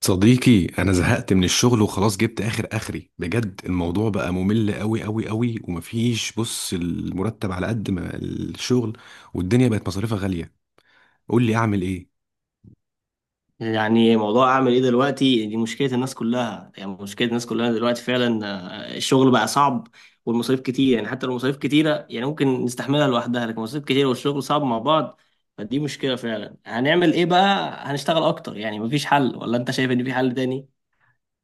صديقي، انا زهقت من الشغل وخلاص جبت اخر اخري بجد. الموضوع بقى ممل قوي قوي قوي ومفيش. بص، المرتب على قد ما الشغل، والدنيا بقت مصاريفها غالية. قول لي اعمل ايه. يعني موضوع اعمل ايه دلوقتي دي مشكله الناس كلها دلوقتي فعلا. آه، الشغل بقى صعب والمصاريف كتير. يعني حتى لو مصاريف كتيره يعني ممكن نستحملها لوحدها، لكن مصاريف كتير والشغل صعب مع بعض. فدي مشكله فعلا. هنعمل ايه بقى؟ هنشتغل اكتر؟ يعني مفيش حل، ولا انت شايف ان في حل تاني؟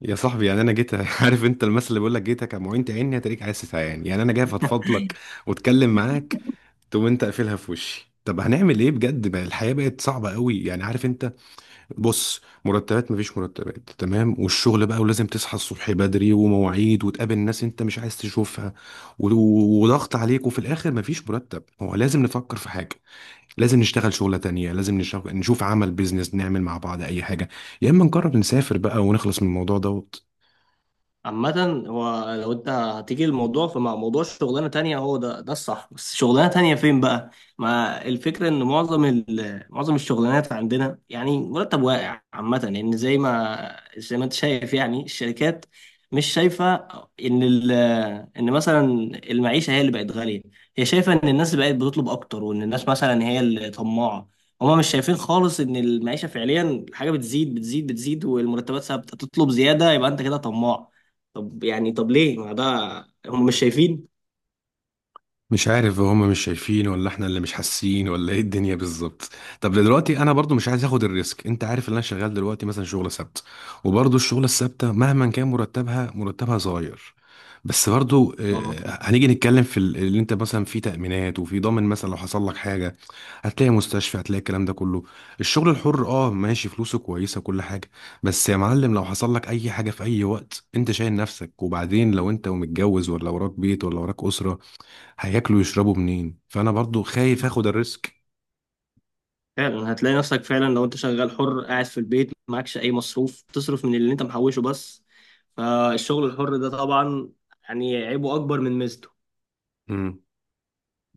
يا صاحبي، يعني انا جيت عارف انت المثل اللي بيقول لك جيتك يا معين تعيني هتريك عايز تتعين. يعني انا جاي افضفضلك واتكلم معاك، تقوم انت قافلها في وشي. طب هنعمل ايه بجد بقى؟ الحياة بقت صعبة قوي، يعني عارف انت. بص، مرتبات مفيش، مرتبات تمام والشغل بقى، ولازم تصحى الصبح بدري ومواعيد وتقابل ناس انت مش عايز تشوفها، وضغط عليك، وفي الاخر مفيش مرتب. هو لازم نفكر في حاجة، لازم نشتغل شغلة تانية، لازم نشغل نشوف عمل بيزنس، نعمل مع بعض اي حاجة، يا اما نقرر نسافر بقى ونخلص من الموضوع ده. عامة هو لو انت هتيجي الموضوع فمع موضوع شغلانة تانية، هو ده الصح، بس شغلانة تانية فين بقى؟ ما الفكرة ان معظم معظم الشغلانات عندنا يعني مرتب واقع عامة، لان زي ما انت شايف يعني الشركات مش شايفة ان ال ان مثلا المعيشة هي اللي بقت غالية. هي شايفة ان الناس بقت بتطلب اكتر، وان الناس مثلا هي اللي طماعة. هما مش شايفين خالص ان المعيشة فعليا الحاجة بتزيد بتزيد بتزيد والمرتبات ثابتة. تطلب زيادة يبقى انت كده طماع. طب يعني طب ليه ما ده، هم مش شايفين. مش عارف، هم مش شايفين ولا احنا اللي مش حاسين ولا ايه الدنيا بالظبط؟ طب دلوقتي انا برضو مش عايز اخد الريسك. انت عارف ان انا شغال دلوقتي مثلا شغل سبت، وبرضو الشغل الثابته مهما كان مرتبها، مرتبها صغير. بس برضو اه، هنيجي نتكلم في اللي انت مثلا في تأمينات وفي ضامن، مثلا لو حصل لك حاجه هتلاقي مستشفى، هتلاقي الكلام ده كله. الشغل الحر اه ماشي، فلوسه كويسه، كل حاجه. بس يا معلم، لو حصل لك اي حاجه في اي وقت انت شايل نفسك. وبعدين لو انت ومتجوز ولا وراك بيت ولا وراك اسره، هياكلوا ويشربوا منين؟ فانا برضو خايف اخد الريسك. فعلا هتلاقي نفسك فعلا لو انت شغال حر قاعد في البيت معكش اي مصروف، تصرف من اللي انت محوشه بس. فالشغل الحر ده طبعا يعني عيبه اكبر من ميزته. امم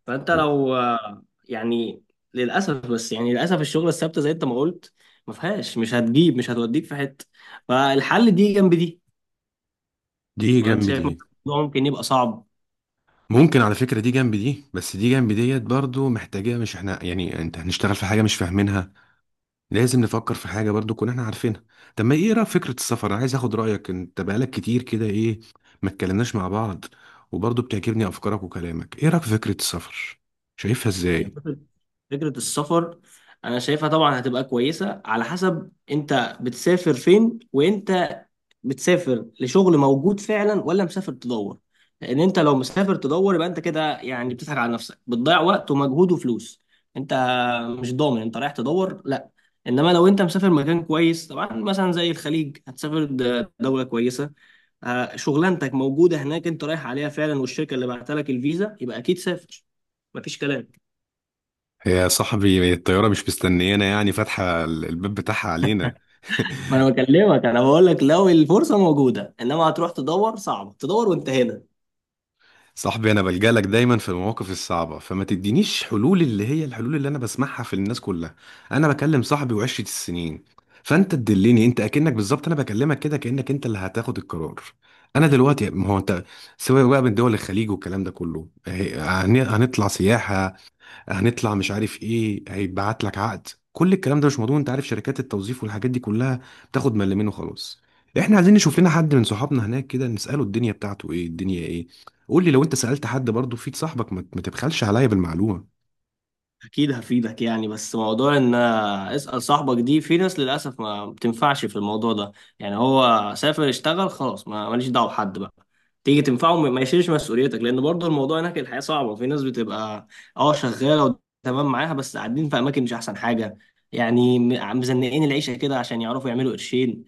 فانت لو يعني للاسف، بس يعني للاسف الشغل الثابته زي انت ما قلت ما فيهاش، مش هتجيب، مش هتوديك في حته. فالحل دي جنب دي، دي ولا انت جنب شايف دي. الموضوع ممكن يبقى صعب؟ ممكن على فكرة دي جنب دي، بس دي جنب ديت برضو محتاجة. مش احنا يعني انت هنشتغل في حاجة مش فاهمينها، لازم نفكر في حاجة برضو كنا احنا عارفينها. طب ما ايه رأيك في فكرة السفر؟ انا عايز اخد رأيك، انت بقالك كتير كده ايه، ما اتكلمناش مع بعض. وبرضو بتعجبني افكارك وكلامك. ايه رأيك في فكرة السفر؟ شايفها هي ازاي؟ فكرة، فكرة السفر أنا شايفها طبعا هتبقى كويسة على حسب أنت بتسافر فين، وأنت بتسافر لشغل موجود فعلا ولا مسافر تدور. لأن أنت لو مسافر تدور يبقى أنت كده يعني بتضحك على نفسك، بتضيع وقت ومجهود وفلوس. أنت مش ضامن أنت رايح تدور، لا. إنما لو أنت مسافر مكان كويس طبعا مثلا زي الخليج، هتسافر دولة كويسة، آه، شغلانتك موجودة هناك أنت رايح عليها فعلا والشركة اللي بعت لك الفيزا، يبقى أكيد سافر، مفيش كلام. يا صاحبي الطيارة مش مستنيانا، يعني فاتحة الباب بتاعها علينا ما انا بكلمك، انا بقول لك لو الفرصه موجوده، انما هتروح تدور صعبه، تدور وانت هنا. صاحبي، انا بلجأ لك دايما في المواقف الصعبه فما تدينيش حلول اللي هي الحلول اللي انا بسمعها في الناس كلها. انا بكلم صاحبي وعشرة السنين، فانت تدلني انت. اكنك بالظبط، انا بكلمك كده كانك انت اللي هتاخد القرار. انا دلوقتي ما هو انت. سواء بقى من دول الخليج والكلام ده كله، هنطلع سياحه، هنطلع مش عارف ايه، هيتبعت لك عقد، كل الكلام ده مش مضمون. انت عارف شركات التوظيف والحاجات دي كلها بتاخد ملمين وخلاص. احنا عايزين نشوف لنا حد من صحابنا هناك كده نساله الدنيا بتاعته ايه الدنيا ايه. قول لي، لو انت سالت حد برضه فيك صاحبك، ما تبخلش عليا بالمعلومه. اكيد هفيدك يعني، بس موضوع ان اسال صاحبك دي، في ناس للاسف ما بتنفعش في الموضوع ده. يعني هو سافر اشتغل خلاص، ما ماليش دعوه بحد بقى تيجي تنفعه. ما يشيلش مسؤوليتك، لان برضه الموضوع هناك الحياه صعبه. في ناس بتبقى اه شغاله وتمام معاها، بس قاعدين في اماكن مش احسن حاجه، يعني مزنقين العيشه كده عشان يعرفوا يعملوا قرشين.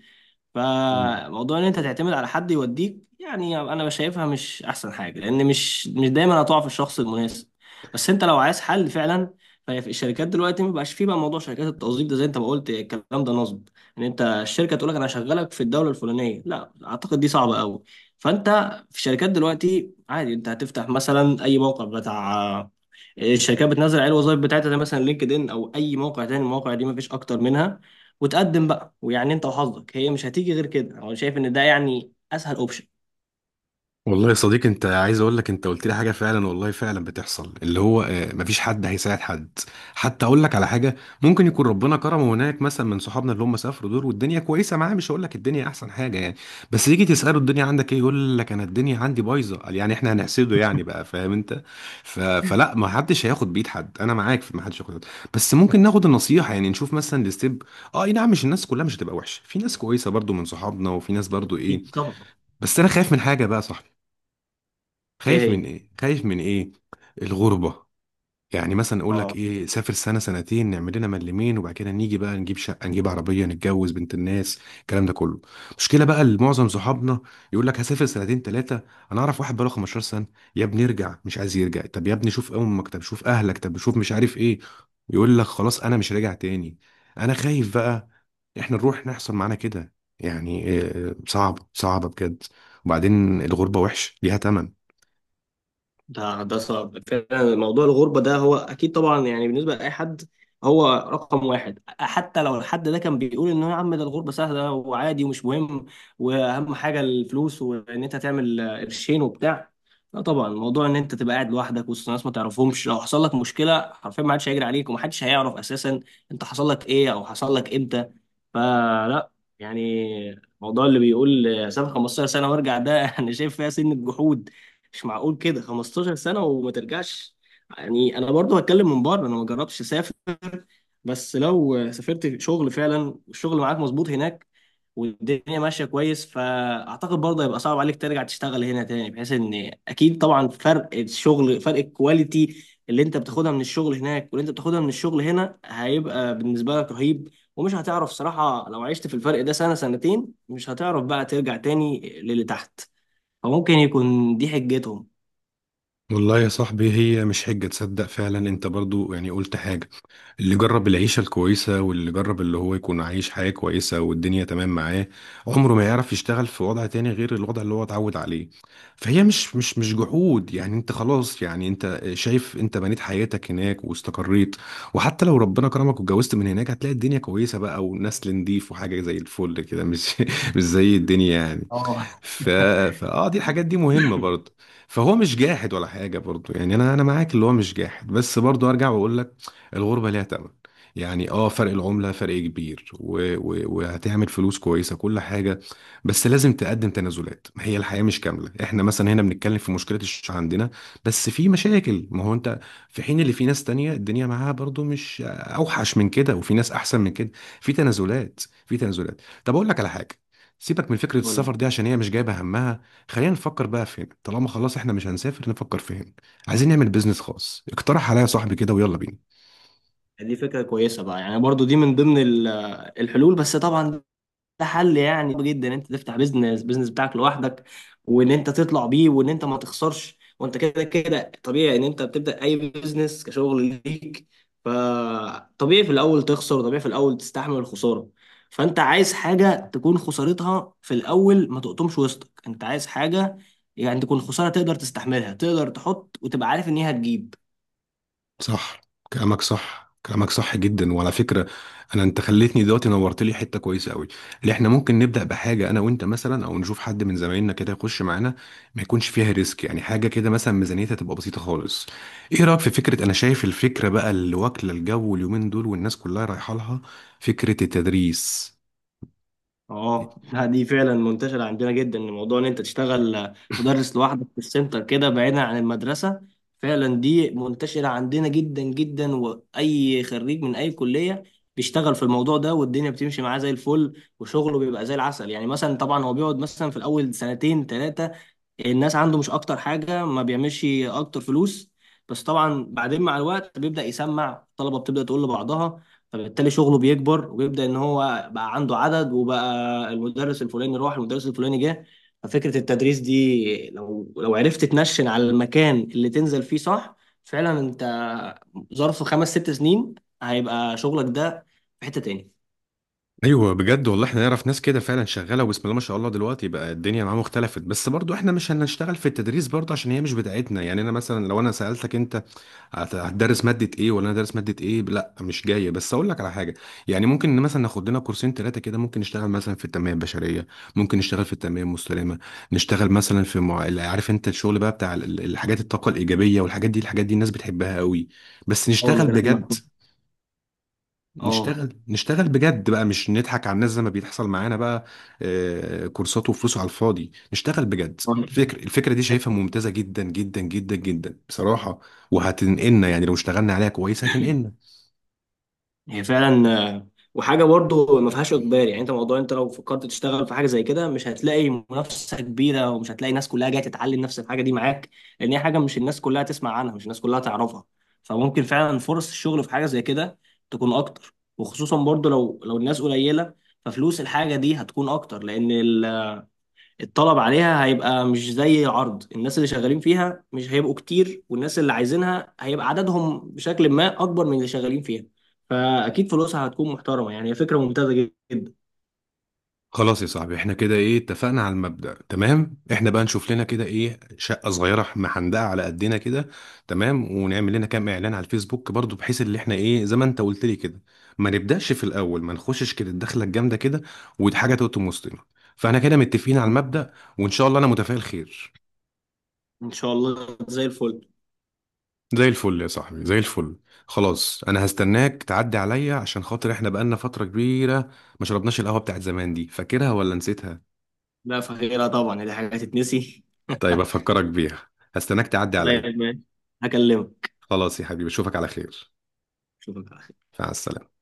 فموضوع ان انت تعتمد على حد يوديك يعني انا شايفها مش احسن حاجه، لان مش دايما هتقع في الشخص المناسب. بس انت لو عايز حل فعلا، فهي في الشركات دلوقتي ما بقاش فيه بقى موضوع شركات التوظيف ده، زي انت ما قلت الكلام ده نصب. ان انت الشركه تقول لك انا هشغلك في الدوله الفلانيه، لا اعتقد دي صعبه قوي. فانت في الشركات دلوقتي عادي، انت هتفتح مثلا اي موقع بتاع الشركات بتنزل عليه الوظائف بتاعتها، زي مثلا لينكد ان او اي موقع تاني، المواقع دي مفيش اكتر منها، وتقدم بقى ويعني انت وحظك. هي مش هتيجي غير كده، انا شايف ان ده يعني اسهل اوبشن. والله يا صديقي، انت عايز اقول لك، انت قلت لي حاجه فعلا والله، فعلا بتحصل اللي هو مفيش حد هيساعد حد. حتى اقول لك على حاجه، ممكن يكون ربنا كرمه هناك مثلا من صحابنا اللي هم سافروا دول، والدنيا كويسه معاه، مش هقول لك الدنيا احسن حاجه يعني. بس يجي تساله الدنيا عندك ايه، يقول لك انا الدنيا عندي بايظه. قال يعني احنا هنحسده يعني بقى، فاهم انت؟ فلا، ما حدش هياخد بايد حد. انا معاك في ما حدش هياخد بإيد. بس ممكن ناخد النصيحه، يعني نشوف مثلا الستيب. اه اي نعم، مش الناس كلها مش هتبقى وحشه، في ناس كويسه برضو من صحابنا، وفي ناس برضو ايه. أكيد طبعا. بس انا خايف من حاجه بقى، صح؟ ايه خايف من هي؟ ايه؟ خايف من ايه؟ الغربة. يعني مثلا اقول لك اه. ايه، سافر سنة سنتين، نعمل لنا ملمين، وبعد كده نيجي بقى نجيب شقة، نجيب عربية، نتجوز بنت الناس، الكلام ده كله. مشكلة بقى لمعظم صحابنا، يقول لك هسافر سنتين ثلاثة. انا اعرف واحد بقاله 15 سنة. يا ابني ارجع مش عايز يرجع، طب يا ابني شوف امك، طب شوف اهلك، طب شوف مش عارف ايه. يقول لك خلاص انا مش راجع تاني. انا خايف بقى احنا نروح نحصل معانا كده. يعني صعب، صعبة بجد. وبعدين الغربة وحش، ليها تمن. ده ده صعب فعلا موضوع الغربة ده، هو أكيد طبعا يعني بالنسبة لأي حد هو رقم واحد. حتى لو الحد ده كان بيقول إن هو يا عم ده الغربة سهلة وعادي ومش مهم، وأهم حاجة الفلوس وإن أنت تعمل قرشين وبتاع، لا طبعا، موضوع إن أنت تبقى قاعد لوحدك وسط ناس ما تعرفهمش، لو حصل لك مشكلة حرفيا ما حدش هيجري عليك، ومحدش هيعرف أساسا أنت حصل لك إيه أو حصل لك إمتى. فلا، يعني الموضوع اللي بيقول سافر 15 سنة وارجع ده أنا شايف فيها سن الجحود. مش معقول كده 15 سنة وما ترجعش. يعني انا برضو هتكلم من بره، انا ما جربتش اسافر، بس لو سافرت شغل فعلا والشغل معاك مظبوط هناك والدنيا ماشية كويس، فاعتقد برضه هيبقى صعب عليك ترجع تشتغل هنا تاني، بحيث ان اكيد طبعا فرق الشغل فرق الكواليتي اللي انت بتاخدها من الشغل هناك واللي انت بتاخدها من الشغل هنا هيبقى بالنسبة لك رهيب. ومش هتعرف صراحة لو عشت في الفرق ده سنة سنتين، مش هتعرف بقى ترجع تاني للي تحت. فممكن يكون دي حجتهم. والله يا صاحبي، هي مش حجة، تصدق فعلا؟ انت برضو يعني قلت حاجة. اللي جرب العيشة الكويسة، واللي جرب اللي هو يكون عايش حياة كويسة والدنيا تمام معاه، عمره ما يعرف يشتغل في وضع تاني غير الوضع اللي هو اتعود عليه. فهي مش جحود يعني. انت خلاص يعني انت شايف، انت بنيت حياتك هناك واستقريت. وحتى لو ربنا كرمك واتجوزت من هناك، هتلاقي الدنيا كويسة بقى، ونسل نضيف، وحاجة زي الفل كده، مش مش زي الدنيا يعني. اه. ف... فاه، دي الحاجات دي مهمة برضه. فهو مش جاحد ولا حاجة برضه، يعني انا معاك اللي هو مش جاحد. بس برضه ارجع واقول لك، الغربة ليها تمن. يعني اه فرق العملة فرق كبير، وهتعمل فلوس كويسة كل حاجة. بس لازم تقدم تنازلات، ما هي الحياة مش كاملة. احنا مثلا هنا بنتكلم في مشكلة الشيش عندنا، بس في مشاكل. ما هو انت في حين اللي في ناس تانية الدنيا معاها برضه مش اوحش من كده، وفي ناس احسن من كده. في تنازلات، في تنازلات. طب اقول لك على حاجة، سيبك من فكرة قول السفر لي. دي عشان هي مش جايبة همها. خلينا نفكر بقى فين، طالما خلاص احنا مش هنسافر نفكر فين. عايزين نعمل بيزنس خاص، اقترح عليا صاحبي كده، ويلا بينا. دي فكرة كويسة بقى، يعني برضو دي من ضمن الحلول، بس طبعا ده حل يعني صعب جدا ان انت تفتح بيزنس، بيزنس بتاعك لوحدك، وان انت تطلع بيه وان انت ما تخسرش. وانت كده كده طبيعي ان انت بتبدأ اي بيزنس كشغل ليك، فطبيعي في الاول تخسر، طبيعي في الاول تستحمل الخسارة. فانت عايز حاجة تكون خسارتها في الاول ما تقطمش وسطك، انت عايز حاجة يعني تكون خسارة تقدر تستحملها، تقدر تحط وتبقى عارف ان هي هتجيب. صح، كلامك صح، كلامك صح جدا. وعلى فكرة، انا انت خليتني دلوقتي، نورت لي حتة كويسة قوي. اللي احنا ممكن نبدأ بحاجة انا وانت مثلا، او نشوف حد من زمايلنا كده يخش معانا، ما يكونش فيها ريسك، يعني حاجة كده مثلا ميزانيتها تبقى بسيطة خالص. ايه رأيك في فكرة، انا شايف الفكرة بقى اللي واكلة الجو اليومين دول والناس كلها رايحة لها، فكرة التدريس. اه لا، دي فعلا منتشرة عندنا جدا، إن موضوع ان انت تشتغل مدرس لوحدك في السنتر كده بعيدا عن المدرسة، فعلا دي منتشرة عندنا جدا جدا. واي خريج من اي كلية بيشتغل في الموضوع ده، والدنيا بتمشي معاه زي الفل وشغله بيبقى زي العسل. يعني مثلا طبعا هو بيقعد مثلا في الاول 2 3 الناس عنده، مش اكتر حاجه، ما بيعملش اكتر فلوس. بس طبعا بعدين مع الوقت بيبدا يسمع، الطلبه بتبدا تقول لبعضها، فبالتالي شغله بيكبر وبيبدا ان هو بقى عنده عدد، وبقى المدرس الفلاني راح المدرس الفلاني جه. ففكره التدريس دي، لو عرفت تنشن على المكان اللي تنزل فيه صح، فعلا انت ظرف 5 6 سنين هيبقى شغلك ده في حته تاني. ايوه بجد والله، احنا نعرف ناس كده فعلا شغاله، وبسم الله ما شاء الله دلوقتي بقى الدنيا معاهم اختلفت. بس برضو احنا مش هنشتغل في التدريس برضو عشان هي مش بتاعتنا. يعني انا مثلا لو انا سالتك انت هتدرس ماده ايه، ولا انا دارس ماده ايه، لا مش جايه. بس اقول لك على حاجه، يعني ممكن مثلا ناخد لنا كورسين ثلاثه كده. ممكن نشتغل مثلا في التنميه البشريه، ممكن نشتغل في التنميه المستدامه، نشتغل مثلا في عارف انت الشغل بقى بتاع الحاجات، الطاقه الايجابيه والحاجات دي. الحاجات دي الناس بتحبها قوي، بس اه، نشتغل المجالات بجد. المفتوحه. اه. نشتغل بجد بقى، مش نضحك على الناس زي ما بيحصل معانا بقى، كورسات وفلوس على الفاضي. نشتغل بجد. الفكرة دي شايفها ممتازة جدا جدا جدا جدا بصراحة، وهتنقلنا، يعني لو اشتغلنا عليها كويس هتنقلنا. هي فعلا، وحاجه برضه ما فيهاش اجبار. يعني انت موضوع انت لو فكرت تشتغل في حاجه زي كده، مش هتلاقي منافسه كبيره ومش هتلاقي ناس كلها جايه تتعلم نفس الحاجه دي معاك، لان هي حاجه مش الناس كلها تسمع عنها، مش الناس كلها تعرفها. فممكن فعلا فرص الشغل في حاجه زي كده تكون اكتر، وخصوصا برضه لو الناس قليله، ففلوس الحاجه دي هتكون اكتر. لان الطلب عليها هيبقى مش زي العرض، الناس اللي شغالين فيها مش هيبقوا كتير، والناس اللي عايزينها هيبقى عددهم بشكل ما أكبر من اللي شغالين فيها. فأكيد فلوسها هتكون محترمة، يعني هي فكرة ممتازة جدا. خلاص يا صاحبي، احنا كده ايه اتفقنا على المبدأ. تمام، احنا بقى نشوف لنا كده ايه شقة صغيرة محندقة على قدنا كده، تمام. ونعمل لنا كام اعلان على الفيسبوك برضو، بحيث اللي احنا ايه زي ما انت قلت لي كده، ما نبدأش في الاول ما نخشش كده الدخلة الجامدة كده، ودي حاجة تقطم وسطنا. فاحنا كده متفقين على المبدأ، وان شاء الله انا متفائل خير. إن شاء الله، زي الفل. زي الفل يا صاحبي، زي الفل. خلاص انا هستناك تعدي عليا عشان خاطر، احنا بقالنا فترة كبيرة ما شربناش القهوة بتاعت زمان. دي فاكرها ولا نسيتها؟ لا، فغيرها طبعا دي حاجة هتتنسي. طيب افكرك بيها. هستناك تعدي عليا. طيب، ماشي، هكلمك. خلاص يا حبيبي اشوفك على خير. شوفك على مع السلامة.